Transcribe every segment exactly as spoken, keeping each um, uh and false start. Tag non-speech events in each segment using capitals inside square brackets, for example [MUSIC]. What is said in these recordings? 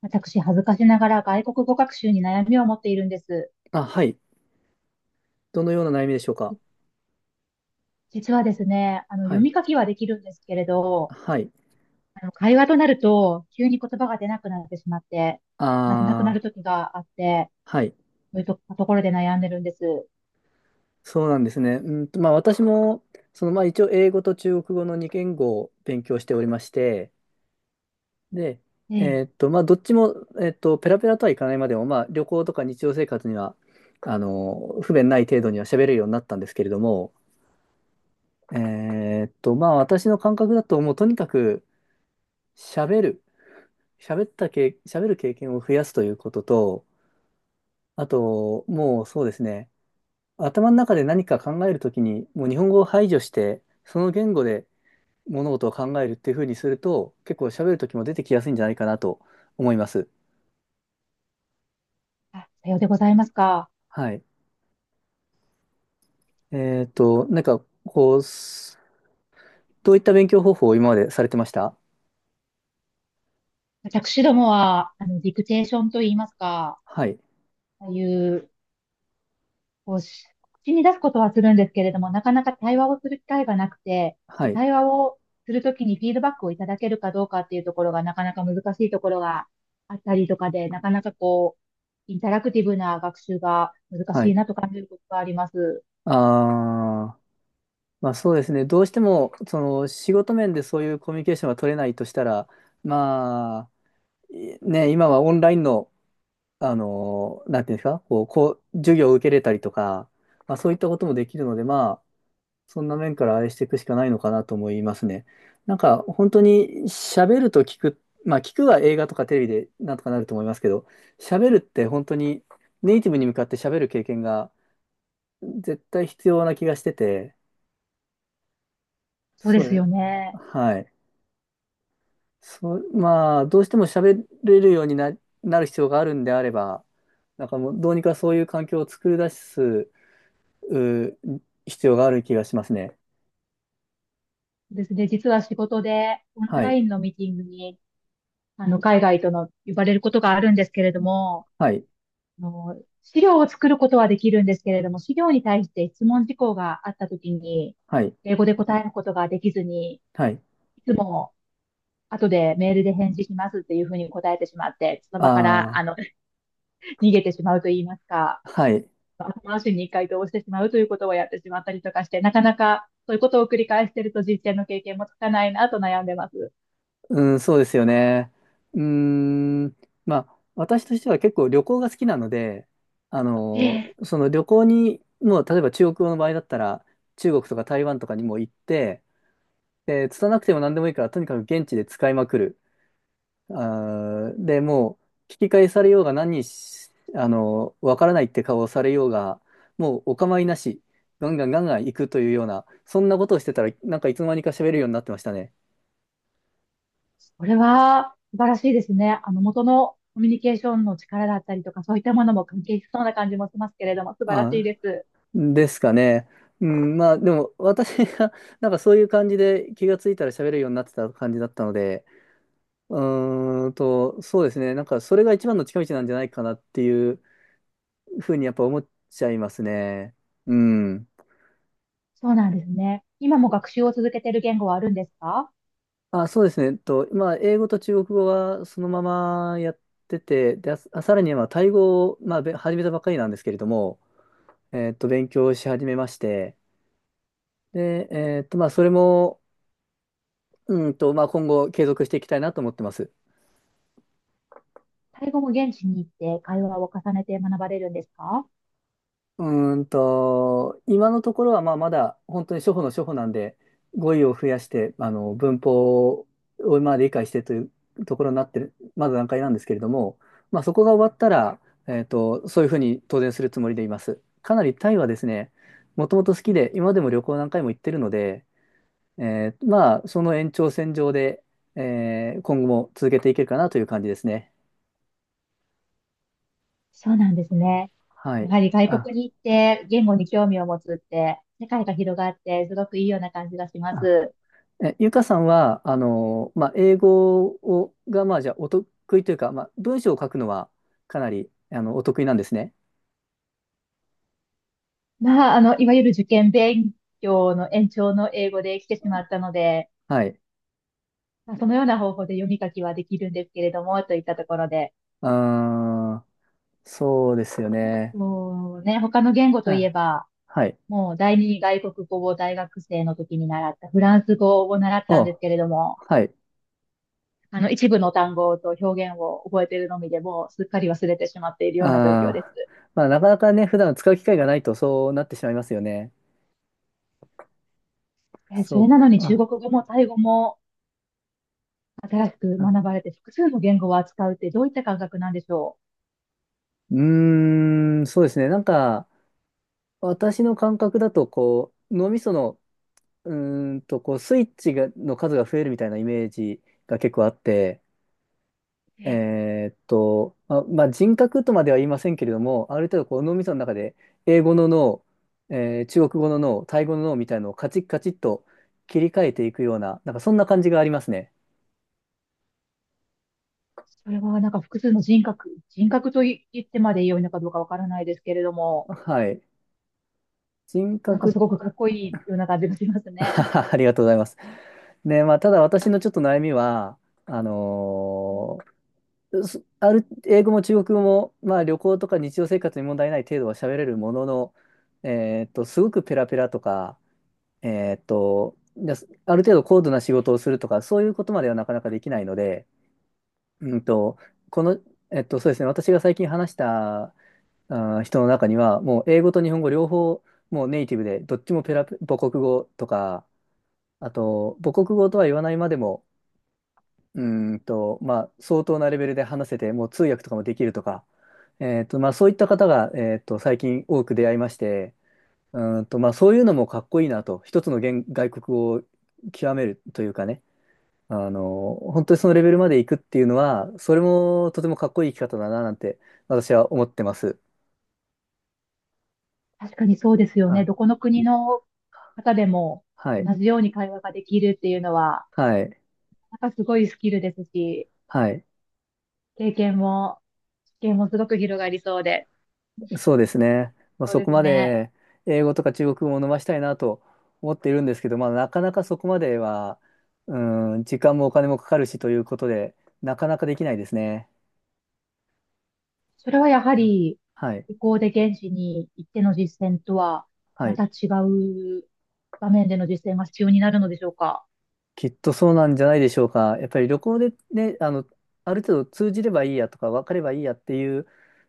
私、恥ずかしながら外国語学習に悩みを持っているんです。あ、はい。どのような悩みでしょうか。じ実はですね、あの、は読い。み書きはできるんですけれど、はい。あの、会話となると、急に言葉が出なくなってしまって、なくなくなるあ時があって、あ、はい。そういうとところで悩んでるんです。そうなんですね。うんと、まあ私も、その、まあ一応英語と中国語のに言語を勉強しておりまして、で、えええ。ーっと、まあどっちも、えーっと、ペラペラとはいかないまでも、まあ旅行とか日常生活には、あの、不便ない程度には喋れるようになったんですけれども、えーっと、まあ私の感覚だと、もうとにかく喋る、喋ったけ、喋る経験を増やすということと、あと、もうそうですね、頭の中で何か考えるときに、もう日本語を排除して、その言語で物事を考えるっていうふうにすると、結構喋るときも出てきやすいんじゃないかなと思います。あ、さようでございますか。はい。えっと、なんか、こう、すどういった勉強方法を今までされてました？私どもは、あの、ディクテーションと言いますか、はい。ああいうこうし、口に出すことはするんですけれども、なかなか対話をする機会がなくて、はで、い。対話をするときにフィードバックをいただけるかどうかっていうところがなかなか難しいところがあったりとかで、なかなかこう、インタラクティブな学習が難はしいい。なと感じることがあります。ああ、まあそうですね。どうしても、その、仕事面でそういうコミュニケーションが取れないとしたら、まあ、いね、今はオンラインのあの、なんていうんですか、こう、こう、授業を受けれたりとか、まあそういったこともできるので、まあ、そんな面から愛していくしかないのかなと思いますね。なんか、本当に喋ると聞く、まあ聞くは映画とかテレビでなんとかなると思いますけど、喋るって本当にネイティブに向かって喋る経験が絶対必要な気がしてて、そうでそうすね、よね。はい。そう、まあ、どうしても喋れるようにな、なる必要があるんであれば、なんかもうどうにかそういう環境を作り出すうー必要がある気がしますね。ですね。実は仕事でオンはラい。インのミーティングに、あの、海外との呼ばれることがあるんですけれども、はい。あの、資料を作ることはできるんですけれども、資料に対して質問事項があったときに、はい。英語で答えることができずに、いはい。つも後でメールで返事しますっていうふうに答えてしまって、その場から、ああの [LAUGHS]、逃げてしまうと言いますか、あ、はい。まあ後回しに回答をしてしまうということをやってしまったりとかして、なかなかそういうことを繰り返していると実践の経験もつかないなと悩んでます。うん、そうですよね。うーん、まあ、私としては結構旅行が好きなので、あえのえ。その旅行に、もう例えば中国の場合だったら、中国とか台湾とかにも行って、で、拙なくても何でもいいから、とにかく現地で使いまくる。あーで、もう、聞き返されようが何し、あの、わからないって顔をされようが、もうお構いなし、ガンガンガンガン行くというような、そんなことをしてたら、なんかいつの間にか喋るようになってましたね。これは素晴らしいですね。あの、元のコミュニケーションの力だったりとか、そういったものも関係しそうな感じもしますけれども、素晴らしいあ、です。ですかね。うん、まあ、でも、私が、なんかそういう感じで気がついたら喋るようになってた感じだったので、うーんと、そうですね。なんか、それが一番の近道なんじゃないかなっていうふうにやっぱ思っちゃいますね。うん。そうなんですね。今も学習を続けている言語はあるんですか？あ、そうですね。えっと、まあ、英語と中国語はそのままやってて、で、あ、さらに、まあ、タイ語を、まあ、べ始めたばかりなんですけれども、えっと、勉強し始めまして、で、えっと、まあ、それも、うんと、まあ、今後継続していきたいなと思ってます。タイ語も現地に行って会話を重ねて学ばれるんですか？うーんと、今のところはまあまだ本当に初歩の初歩なんで、語彙を増やして、あの、文法をまあ理解してというところになってる、まだ段階なんですけれども、まあそこが終わったら、えっと、そういうふうに当然するつもりでいます。かなりタイはですね、もともと好きえ、で、今でも旅行何回も行ってるので、えーまあその延長線上で、えー今後も続けていけるかなという感じですね。そうなんですね。はやい。はり外あ、国に行って言語に興味を持つって、世界が広がって、すごくいいような感じがしまあす。え、ゆかさんは、あの、まあ、英語を、が、まあ、じゃあ、お得意というか、まあ、文章を書くのは、かなり、あの、お得意なんですね。まあ、あの、いわゆる受験勉強の延長の英語で来てしまったので、はい。まあそのような方法で読み書きはできるんですけれども、といったところで、あー、そうですよね。こうね、他の言語といえあ、ば、はい。もう第二外国語を大学生の時に習ったフランス語を習ったんでお、すけれども、はい。あの一部の単語と表現を覚えているのみでもうすっかり忘れてしまっているような状況あです。ー、まあ、なかなかね、普段使う機会がないと、そうなってしまいますよね。えーそれそなのにう。中あ、国語もタイ語も新しく学あばれて複数の言語を扱うってどういった感覚なんでしょうーん、そうですね。なんか、私の感覚だと、こう、脳みそのうーんと、こう、スイッチが、の数が増えるみたいなイメージが結構あって、う？えーえーっと、まあ、まあ、人格とまでは言いませんけれども、ある程度こう脳みその中で英語の脳、えー中国語の脳、タイ語の脳みたいなのをカチッカチッと切り替えていくような、なんかそんな感じがありますね。それはなんか複数の人格、人格とい言ってまで良いのかどうかわからないですけれども、はい。人格、なんかすごくかっこいいような感じがしますね。[LAUGHS] ありがとうございます。ね、まあ、ただ私のちょっと悩みは、あの [LAUGHS] ーそある、英語も中国語も、まあ、旅行とか日常生活に問題ない程度は喋れるものの、えーっと、すごくペラペラとか、えーっと、じゃあある程度高度な仕事をするとか、そういうことまではなかなかできないので、うんと、この、えっと、そうですね、私が最近話した、あー、人の中には、もう英語と日本語両方、もうネイティブで、どっちもペラペ、母国語とか、あと、母国語とは言わないまでも、うーんと、まあ、相当なレベルで話せて、もう通訳とかもできるとか、えーと、まあ、そういった方が、えーと、最近多く出会いまして、うーんと、まあ、そういうのもかっこいいなと、一つの言外国語を極めるというかね、あの、本当にそのレベルまで行くっていうのは、それもとてもかっこいい生き方だな、なんて、私は思ってます。確かにそうですよね。あ、どこの国の方でもはうい、同んじように会話ができるっていうのは、はい、なんかすごいスキルですし、はい。経験も、知見もすごく広がりそうで。そうですね。まあ、そうそでこすまね。で英語とか中国語を伸ばしたいなと思っているんですけど、まあ、なかなかそこまでは、うん、時間もお金もかかるしということで、なかなかできないですね。それはやはうんり、はい。旅行で現地に行っての実践とは、はまい。た違う場面での実践が必要になるのでしょうか。きっとそうなんじゃないでしょうか。やっぱり旅行でね、あの、ある程度通じればいいやとか、分かればいいやっていう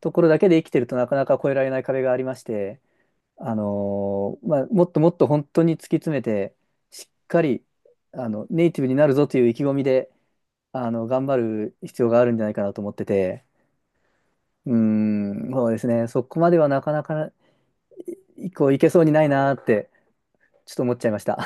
ところだけで生きてるとなかなか越えられない壁がありまして、あのーまあ、もっともっと本当に突き詰めて、しっかり、あの、ネイティブになるぞという意気込みで、あの、頑張る必要があるんじゃないかなと思ってて、うーん、そうですね。そこまではなかなか、こう、いけそうにないなーって、ちょっと思っちゃいました。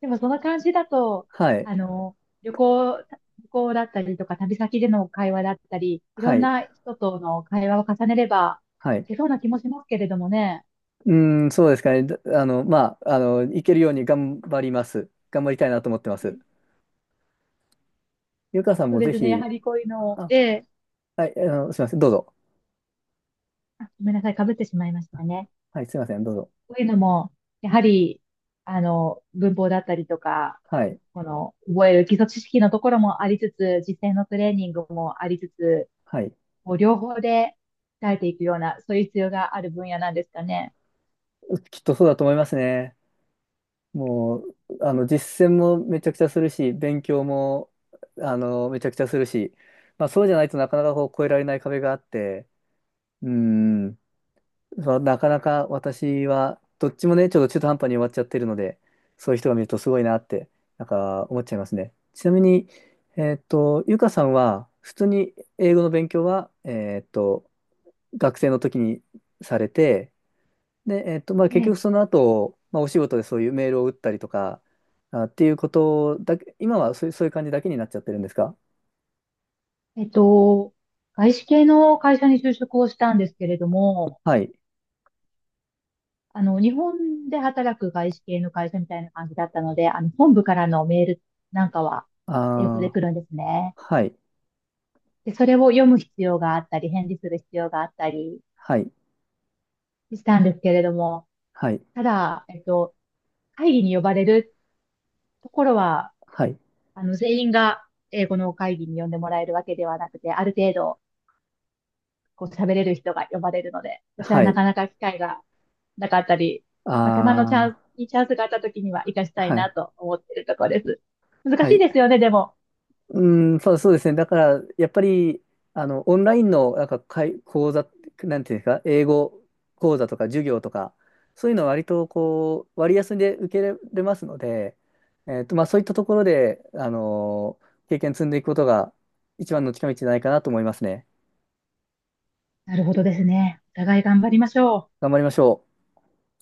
でもその感じだと、[LAUGHS] はい。あの、旅行、旅行だったりとか、旅先での会話だったり、いはろんい。な人との会話を重ねれば、はいい。けそうな気もしますけれどもね。うーん、そうですかね。だあの、まあ、あの、いけるように頑張ります。頑張りたいなと思ってます。ゆかさんそうもでぜすね。やひ、はりこういうのを、あ、で、はい、あの、すいません。どうぞ。あ、ごめんなさい。かぶってしまいましたね。はい、すいません。どうぞ。こういうのも、やはり、あの、文法だったりとか、はい。この、覚える基礎知識のところもありつつ、実践のトレーニングもありつつ、はい。こう両方で鍛えていくような、そういう必要がある分野なんですかね。きっとそうだと思いますね。もう、あの、実践もめちゃくちゃするし、勉強も、あの、めちゃくちゃするし、まあ、そうじゃないとなかなかこう、越えられない壁があって、うん、そうなかなか私は、どっちもね、ちょっと中途半端に終わっちゃってるので、そういう人が見るとすごいなって、なんか思っちゃいますね。ちなみに、えーっと、ゆかさんは、普通に英語の勉強は、えーっと、学生の時にされて、で、えっと、まあ、結局えそえの後、まあ、お仕事でそういうメールを打ったりとか、あ、っていうことだけ、今はそういう、そういう感じだけになっちゃってるんですか？えっと、外資系の会社に就職をしたんですけれども、はい。あの、日本で働く外資系の会社みたいな感じだったので、あの、本部からのメールなんかは英語でああ、来るんですね。はい。で、それを読む必要があったり、返事する必要があったりはい。したんですけれども、はい。ただ、えっと、会議に呼ばれるところは、はい。あの、全員が英語の会議に呼んでもらえるわけではなくて、ある程度、こう喋れる人が呼ばれるので、私ははない。かなか機会がなかったり、まあ、たまのチャあンス、いいチャンスがあった時には活かしあ、たいはない。と思っているところです。難はしいい。ですよね、でも。うん、そう、そうですね。だから、やっぱり、あの、オンラインの、なんか、かい、講座、なんていうんですか、英語講座とか授業とか、そういうのは割と、こう、割安で受けれますので、えっと、まあ、そういったところで、あの、経験積んでいくことが、一番の近道じゃないかなと思いますね。なるほどですね。お互い頑張りましょう。頑張りましょう。